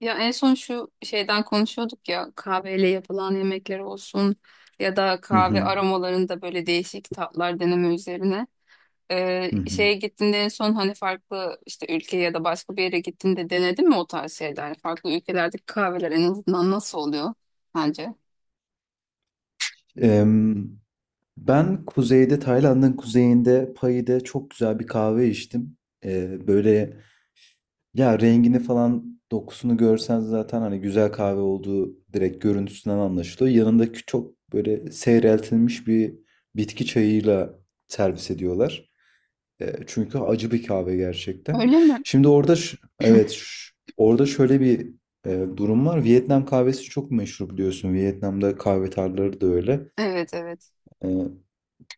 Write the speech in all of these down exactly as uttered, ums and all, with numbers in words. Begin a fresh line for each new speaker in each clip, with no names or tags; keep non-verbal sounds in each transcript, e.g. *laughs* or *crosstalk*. Ya en son şu şeyden konuşuyorduk ya, kahveyle yapılan yemekler olsun ya da
Hı
kahve
hı,
aromalarında böyle değişik tatlar deneme üzerine. Ee,
hı hı.
şeye gittiğinde en son hani farklı işte ülke ya da başka bir yere gittiğinde denedin mi o tarz şeyler? Yani farklı ülkelerdeki kahveler en azından nasıl oluyor sence?
Em, Ben kuzeyde, Tayland'ın kuzeyinde Pahi'de çok güzel bir kahve içtim. Ee, böyle ya rengini falan dokusunu görsen zaten hani güzel kahve olduğu direkt görüntüsünden anlaşılıyor. Yanındaki çok böyle seyreltilmiş bir bitki çayıyla servis ediyorlar. Ee, çünkü acı bir kahve gerçekten.
Öyle mi?
Şimdi orada ş- evet ş- orada şöyle bir e, durum var. Vietnam kahvesi çok meşhur biliyorsun. Vietnam'da kahve tarlaları da öyle.
Evet, evet.
E,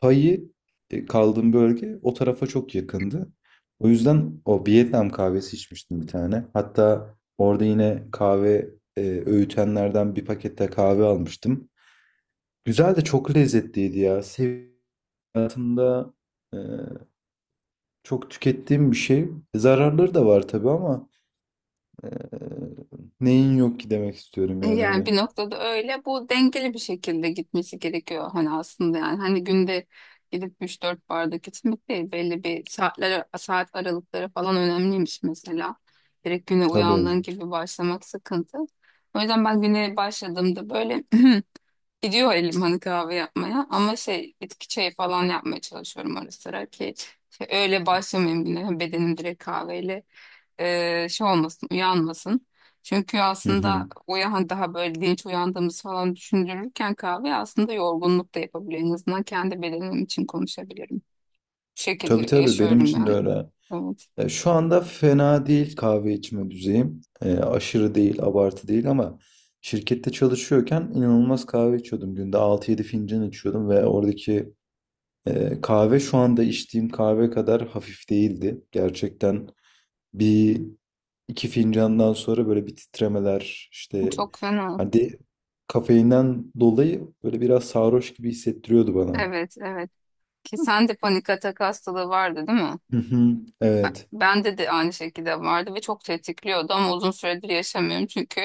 payı e, kaldığım bölge o tarafa çok yakındı. O yüzden o Vietnam kahvesi içmiştim bir tane. Hatta orada yine kahve e, öğütenlerden bir pakette kahve almıştım. Güzel de çok lezzetliydi ya. Sev hayatımda e, çok tükettiğim bir şey. Zararları da var tabii ama e, neyin yok ki demek istiyorum yani
Yani
hani.
bir noktada öyle. Bu dengeli bir şekilde gitmesi gerekiyor hani aslında yani. Hani günde gidip üç dört bardak içmek değil. Belli bir saatler, saat aralıkları falan önemliymiş mesela. Direkt güne
Tabii.
uyandığın gibi başlamak sıkıntı. O yüzden ben güne başladığımda böyle *clears throat* gidiyor elim hani kahve yapmaya. Ama şey, bitki çayı falan yapmaya çalışıyorum ara sıra ki şey, öyle başlamayayım güne. Bedenim direkt kahveyle e, şey olmasın, uyanmasın. Çünkü
Hı
aslında
hı.
uyan daha böyle dinç uyandığımız falan düşündürürken kahve aslında yorgunluk da yapabilir. En azından kendi bedenim için konuşabilirim. Bu
Tabii
şekilde
tabii, benim
yaşıyorum
için de
yani.
öyle.
Evet.
Ya şu anda fena değil kahve içme düzeyim. Ee, aşırı değil, abartı değil ama şirkette çalışıyorken inanılmaz kahve içiyordum. Günde altı yedi fincan içiyordum ve oradaki e, kahve şu anda içtiğim kahve kadar hafif değildi. Gerçekten bir iki fincandan sonra böyle bir titremeler
Bu
işte
çok fena.
hadi kafeinden dolayı böyle biraz sarhoş gibi hissettiriyordu bana.
Evet, evet. Ki sen de panik atak hastalığı vardı değil mi?
Hı hı,
Ben,
evet.
bende de aynı şekilde vardı ve çok tetikliyordu ama uzun süredir yaşamıyorum çünkü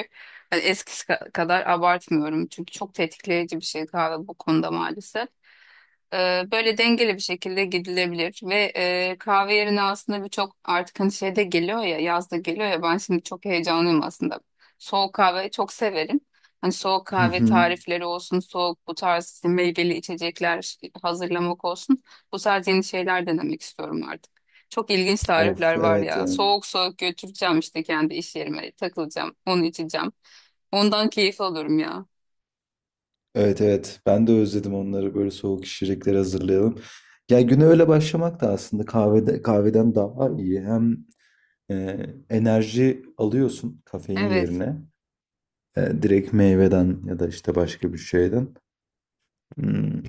hani eskisi ka- kadar abartmıyorum. Çünkü çok tetikleyici bir şey kahve bu konuda maalesef. Ee, Böyle dengeli bir şekilde gidilebilir ve e, kahve yerine aslında birçok artık hani şeyde geliyor ya, yazda geliyor ya, ben şimdi çok heyecanlıyım aslında. Soğuk kahve çok severim. Hani soğuk
Hı
kahve
hı.
tarifleri olsun, soğuk bu tarz işte meyveli içecekler hazırlamak olsun. Bu tarz yeni şeyler denemek istiyorum artık. Çok ilginç
Of,
tarifler var
evet
ya.
yani.
Soğuk soğuk götüreceğim işte, kendi iş yerime takılacağım, onu içeceğim. Ondan keyif alıyorum ya.
Evet evet, ben de özledim onları, böyle soğuk içecekleri hazırlayalım. Ya güne öyle başlamak da aslında kahvede, kahveden daha iyi. Hem e, enerji alıyorsun kafein
Evet.
yerine. E, direkt meyveden ya da işte başka bir şeyden. Hmm,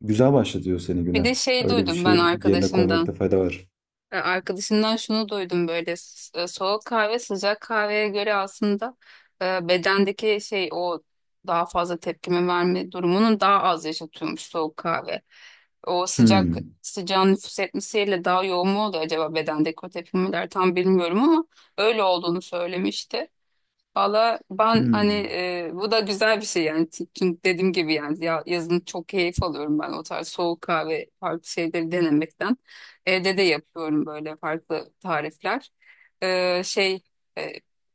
güzel başlatıyor seni
Bir
güne.
de şey
Öyle bir
duydum ben
şey yerine
arkadaşımdan.
koymakta fayda var.
E, Arkadaşımdan şunu duydum böyle s- e, soğuk kahve sıcak kahveye göre aslında e, bedendeki şey, o daha fazla tepkime verme durumunun daha az yaşatıyormuş soğuk kahve. O sıcak
Hmm,
sıcağın nüfuz etmesiyle daha yoğun mu oluyor acaba bedendeki o tepkimeler tam bilmiyorum, ama öyle olduğunu söylemişti. Valla ben hani
hmm.
e, bu da güzel bir şey yani, çünkü dediğim gibi yani ya, yazın çok keyif alıyorum ben o tarz soğuk kahve farklı şeyleri denemekten. Evde de yapıyorum böyle farklı tarifler. E, şey e,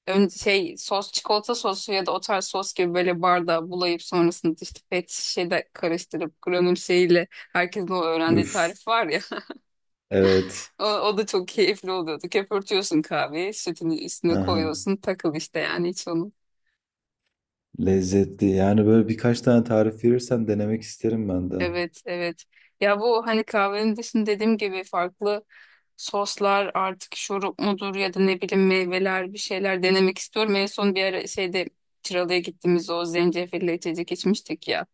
ön, Şey sos, çikolata sosu ya da o tarz sos gibi böyle bardağa bulayıp sonrasında işte pet şişede karıştırıp granül şeyiyle, herkesin o öğrendiği
Üf,
tarif var ya,
evet.
*laughs* o, o da çok keyifli oluyordu. Köpürtüyorsun kahveyi, sütünü üstüne
Aha,
koyuyorsun, takıl işte yani hiç onu.
lezzetli. Yani böyle birkaç tane tarif verirsen denemek isterim ben de.
Evet, evet. Ya bu hani kahvenin dışında dediğim gibi farklı soslar artık, şurup mudur ya da ne bileyim meyveler, bir şeyler denemek istiyorum. En son bir ara şeyde Çıralı'ya gittiğimizde o zencefilli içecek içmiştik ya.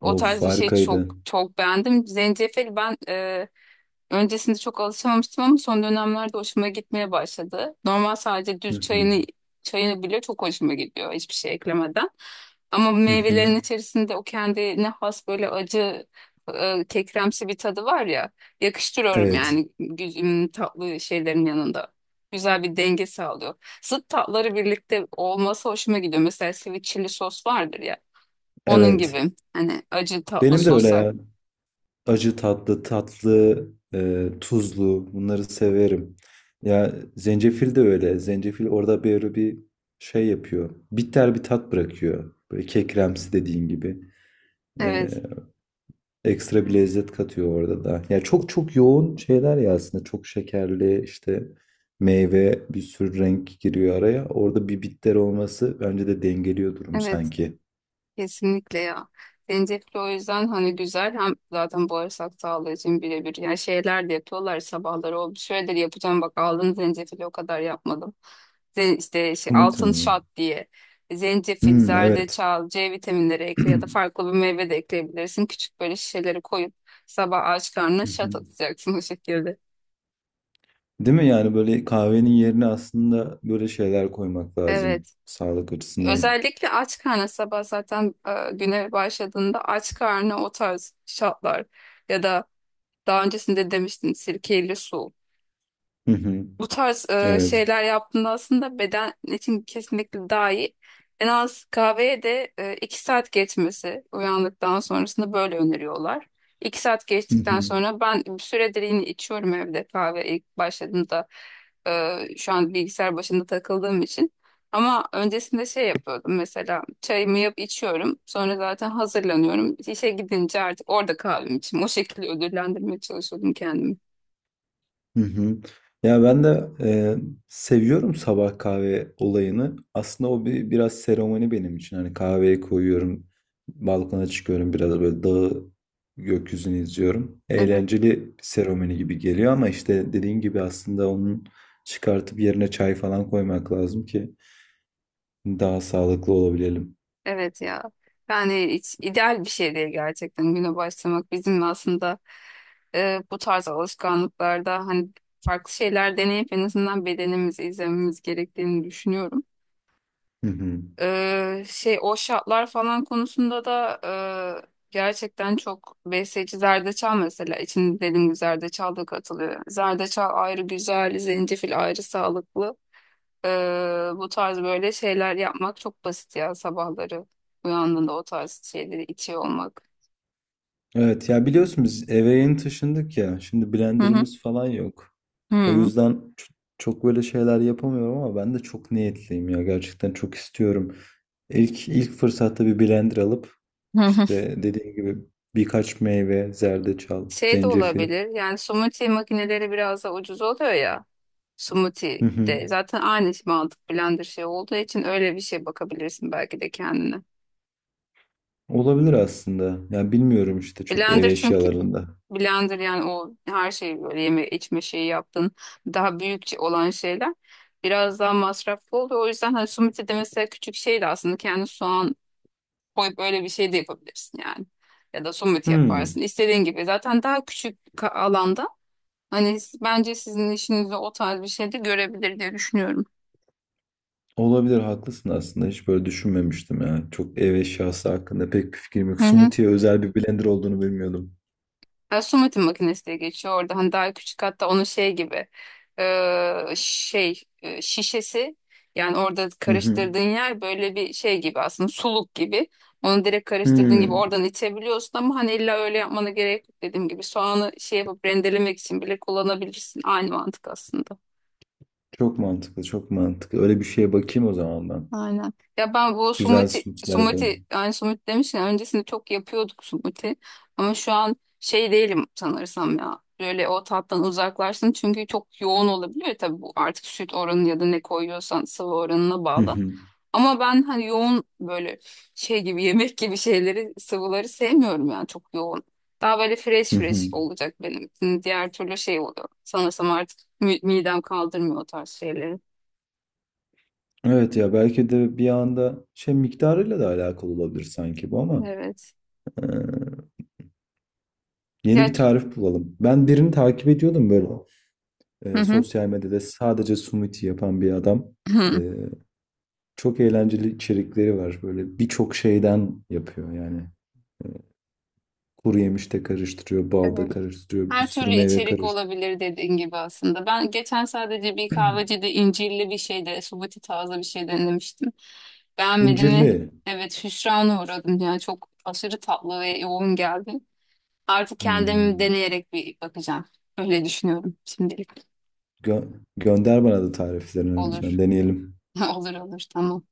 O
Of,
tarz bir şey
harikaydı.
çok çok beğendim. Zencefil, ben öncesinde çok alışamamıştım ama son dönemlerde hoşuma gitmeye başladı. Normal sadece düz çayını
*laughs*
çayını bile çok hoşuma gidiyor hiçbir şey eklemeden. Ama
Hı hı.
meyvelerin içerisinde o kendine has böyle acı, e, kekremsi bir tadı var ya, yakıştırıyorum
Evet,
yani güzüm tatlı şeylerin yanında. Güzel bir denge sağlıyor. Zıt tatları birlikte olması hoşuma gidiyor. Mesela sweet chili sos vardır ya, onun
evet.
gibi hani acı tatlı
Benim de öyle
soslar.
ya. Acı tatlı, tatlı, e, tuzlu, bunları severim. Ya zencefil de öyle. Zencefil orada böyle bir şey yapıyor. Bitter bir tat bırakıyor. Böyle kekremsi dediğin gibi. E,
Evet,
ekstra bir lezzet katıyor orada da. Ya çok çok yoğun şeyler ya aslında. Çok şekerli işte meyve bir sürü renk giriyor araya. Orada bir bitter olması bence de dengeliyor durumu
evet.
sanki.
Kesinlikle ya. Zencefil o yüzden hani güzel, hem zaten bağırsak sağlığı için birebir. Yani şeyler de yapıyorlar sabahları oldu. Şöyle de yapacağım bak, aldın zencefili o kadar yapmadım. Zen işte şey, altın
Sumut'un.
şat diye. Zencefil,
Hmm, evet.
zerdeçal, C vitaminleri ekle ya da
*clears throat*
farklı bir meyve de ekleyebilirsin. Küçük böyle şişeleri koyup sabah aç karnına şat atacaksın, *laughs* o şekilde.
Değil mi? Yani böyle kahvenin yerine aslında böyle şeyler koymak lazım
Evet.
sağlık açısından.
Özellikle aç karnına sabah zaten e, güne başladığında aç karnına o tarz şatlar ya da daha öncesinde demiştin, sirkeyle su.
Hı hı.
Bu tarz e,
Evet.
şeyler yaptığında aslında beden için kesinlikle daha iyi. En az kahveye de e, iki saat geçmesi uyandıktan sonrasında böyle öneriyorlar. İki saat
Hı
geçtikten
hı.
sonra ben bir süredir yine içiyorum evde, kahve ilk başladığımda e, şu an bilgisayar başında takıldığım için. Ama öncesinde şey yapıyordum mesela, çayımı yap içiyorum sonra zaten hazırlanıyorum. İşe gidince artık orada kahvemi içeyim, o şekilde ödüllendirmeye çalışıyordum kendimi.
Hı hı. Ya ben de e, seviyorum sabah kahve olayını. Aslında o bir biraz seremoni benim için. Hani kahveyi koyuyorum, balkona çıkıyorum, biraz böyle dağı, gökyüzünü izliyorum.
Evet,
Eğlenceli bir seremoni gibi geliyor ama işte dediğin gibi aslında onun çıkartıp yerine çay falan koymak lazım ki daha sağlıklı olabilelim.
evet ya. Yani hiç ideal bir şey değil gerçekten güne başlamak. Bizim aslında e, bu tarz alışkanlıklarda hani farklı şeyler deneyip en azından bedenimizi izlememiz gerektiğini düşünüyorum.
Hı hı.
E, şey o şartlar falan konusunda da e, gerçekten çok besleyici zerdeçal mesela, içinde dediğim gibi zerdeçal da katılıyor. Zerdeçal ayrı güzel, zencefil ayrı sağlıklı. Ee, bu tarz böyle şeyler yapmak çok basit ya sabahları, uyandığında o tarz şeyleri içiyor olmak.
Evet ya, biliyorsun biz eve yeni taşındık ya. Şimdi
Hı hı.
blenderımız falan yok. O
Hı.
yüzden ç- çok böyle şeyler yapamıyorum ama ben de çok niyetliyim ya. Gerçekten çok istiyorum. İlk ilk fırsatta bir blender alıp
Hı hı.
işte dediğim gibi birkaç meyve, zerdeçal,
Şey de
zencefil.
olabilir yani, smoothie makineleri biraz da ucuz oluyor ya, smoothie
Hı hı.
de zaten aynı mantık blender şey olduğu için, öyle bir şey bakabilirsin belki de kendine.
Olabilir aslında. Ya bilmiyorum işte çok ev
Blender çünkü
eşyalarında.
blender yani o her şeyi böyle yeme içme şeyi yaptığın daha büyükçe olan şeyler biraz daha masraflı oluyor. O yüzden hani smoothie de mesela küçük şey de aslında kendi soğan koyup öyle bir şey de yapabilirsin yani. Ya da somut yaparsın.
Hmm.
İstediğin gibi. Zaten daha küçük bir ka- alanda hani s- bence sizin işinizde o tarz bir şey de görebilir diye düşünüyorum.
Olabilir, haklısın aslında, hiç böyle düşünmemiştim ya. Çok ev eşyası hakkında pek bir fikrim yok.
Hı hı.
Smoothie'ye özel bir blender olduğunu bilmiyordum.
Ya, somutin makinesi diye geçiyor orada. Hani daha küçük, hatta onun şey gibi e, şey e, şişesi yani, orada
Hı hı.
karıştırdığın yer böyle bir şey gibi aslında, suluk gibi. Onu direkt karıştırdığın gibi
Hmm.
oradan içebiliyorsun ama hani illa öyle yapmana gerek yok dediğim gibi. Soğanı şey yapıp rendelemek için bile kullanabilirsin. Aynı mantık aslında.
Çok mantıklı, çok mantıklı. Öyle bir şeye bakayım o zaman ben.
Aynen. Ya ben bu
Güzel
sumuti,
smoothie'ler
sumuti
yapalım.
yani sumuti demişken öncesinde çok yapıyorduk sumuti. Ama şu an şey değilim sanırsam ya. Böyle o tattan uzaklaşsın çünkü çok yoğun olabiliyor. Tabii bu artık süt oranı ya da ne koyuyorsan sıvı oranına
Hı
bağlı.
hı.
Ama ben hani yoğun böyle şey gibi *laughs* yemek gibi şeyleri, sıvıları sevmiyorum yani, çok yoğun. Daha böyle fresh
Hı hı.
fresh olacak benim için. Diğer türlü şey oluyor. Sanırsam artık mi- midem kaldırmıyor o tarz şeyleri.
Evet ya, belki de bir anda şey miktarıyla da alakalı olabilir sanki bu ama
Evet.
e, yeni
Ya,
bir tarif bulalım. Ben birini takip ediyordum, böyle
hı
e,
hı.
sosyal medyada sadece smoothie yapan bir adam.
Hı.
Çok eğlenceli içerikleri var. Böyle birçok şeyden yapıyor yani. E, Kuru yemiş de karıştırıyor, bal da
Evet.
karıştırıyor, bir
Her
sürü
türlü
meyve
içerik
karıştırıyor.
olabilir dediğin gibi aslında. Ben geçen sadece bir
*clears throat*
kahvecide incirli bir şeyde, subuti tarzı bir şey denemiştim. Beğenmedim ve
İncirli.
evet, hüsrana uğradım. Yani çok aşırı tatlı ve yoğun geldi. Artık kendimi
Hmm.
deneyerek bir bakacağım. Öyle düşünüyorum şimdilik.
Gö- gönder bana da tariflerini
Olur.
lütfen. Deneyelim.
*laughs* Olur olur, tamam.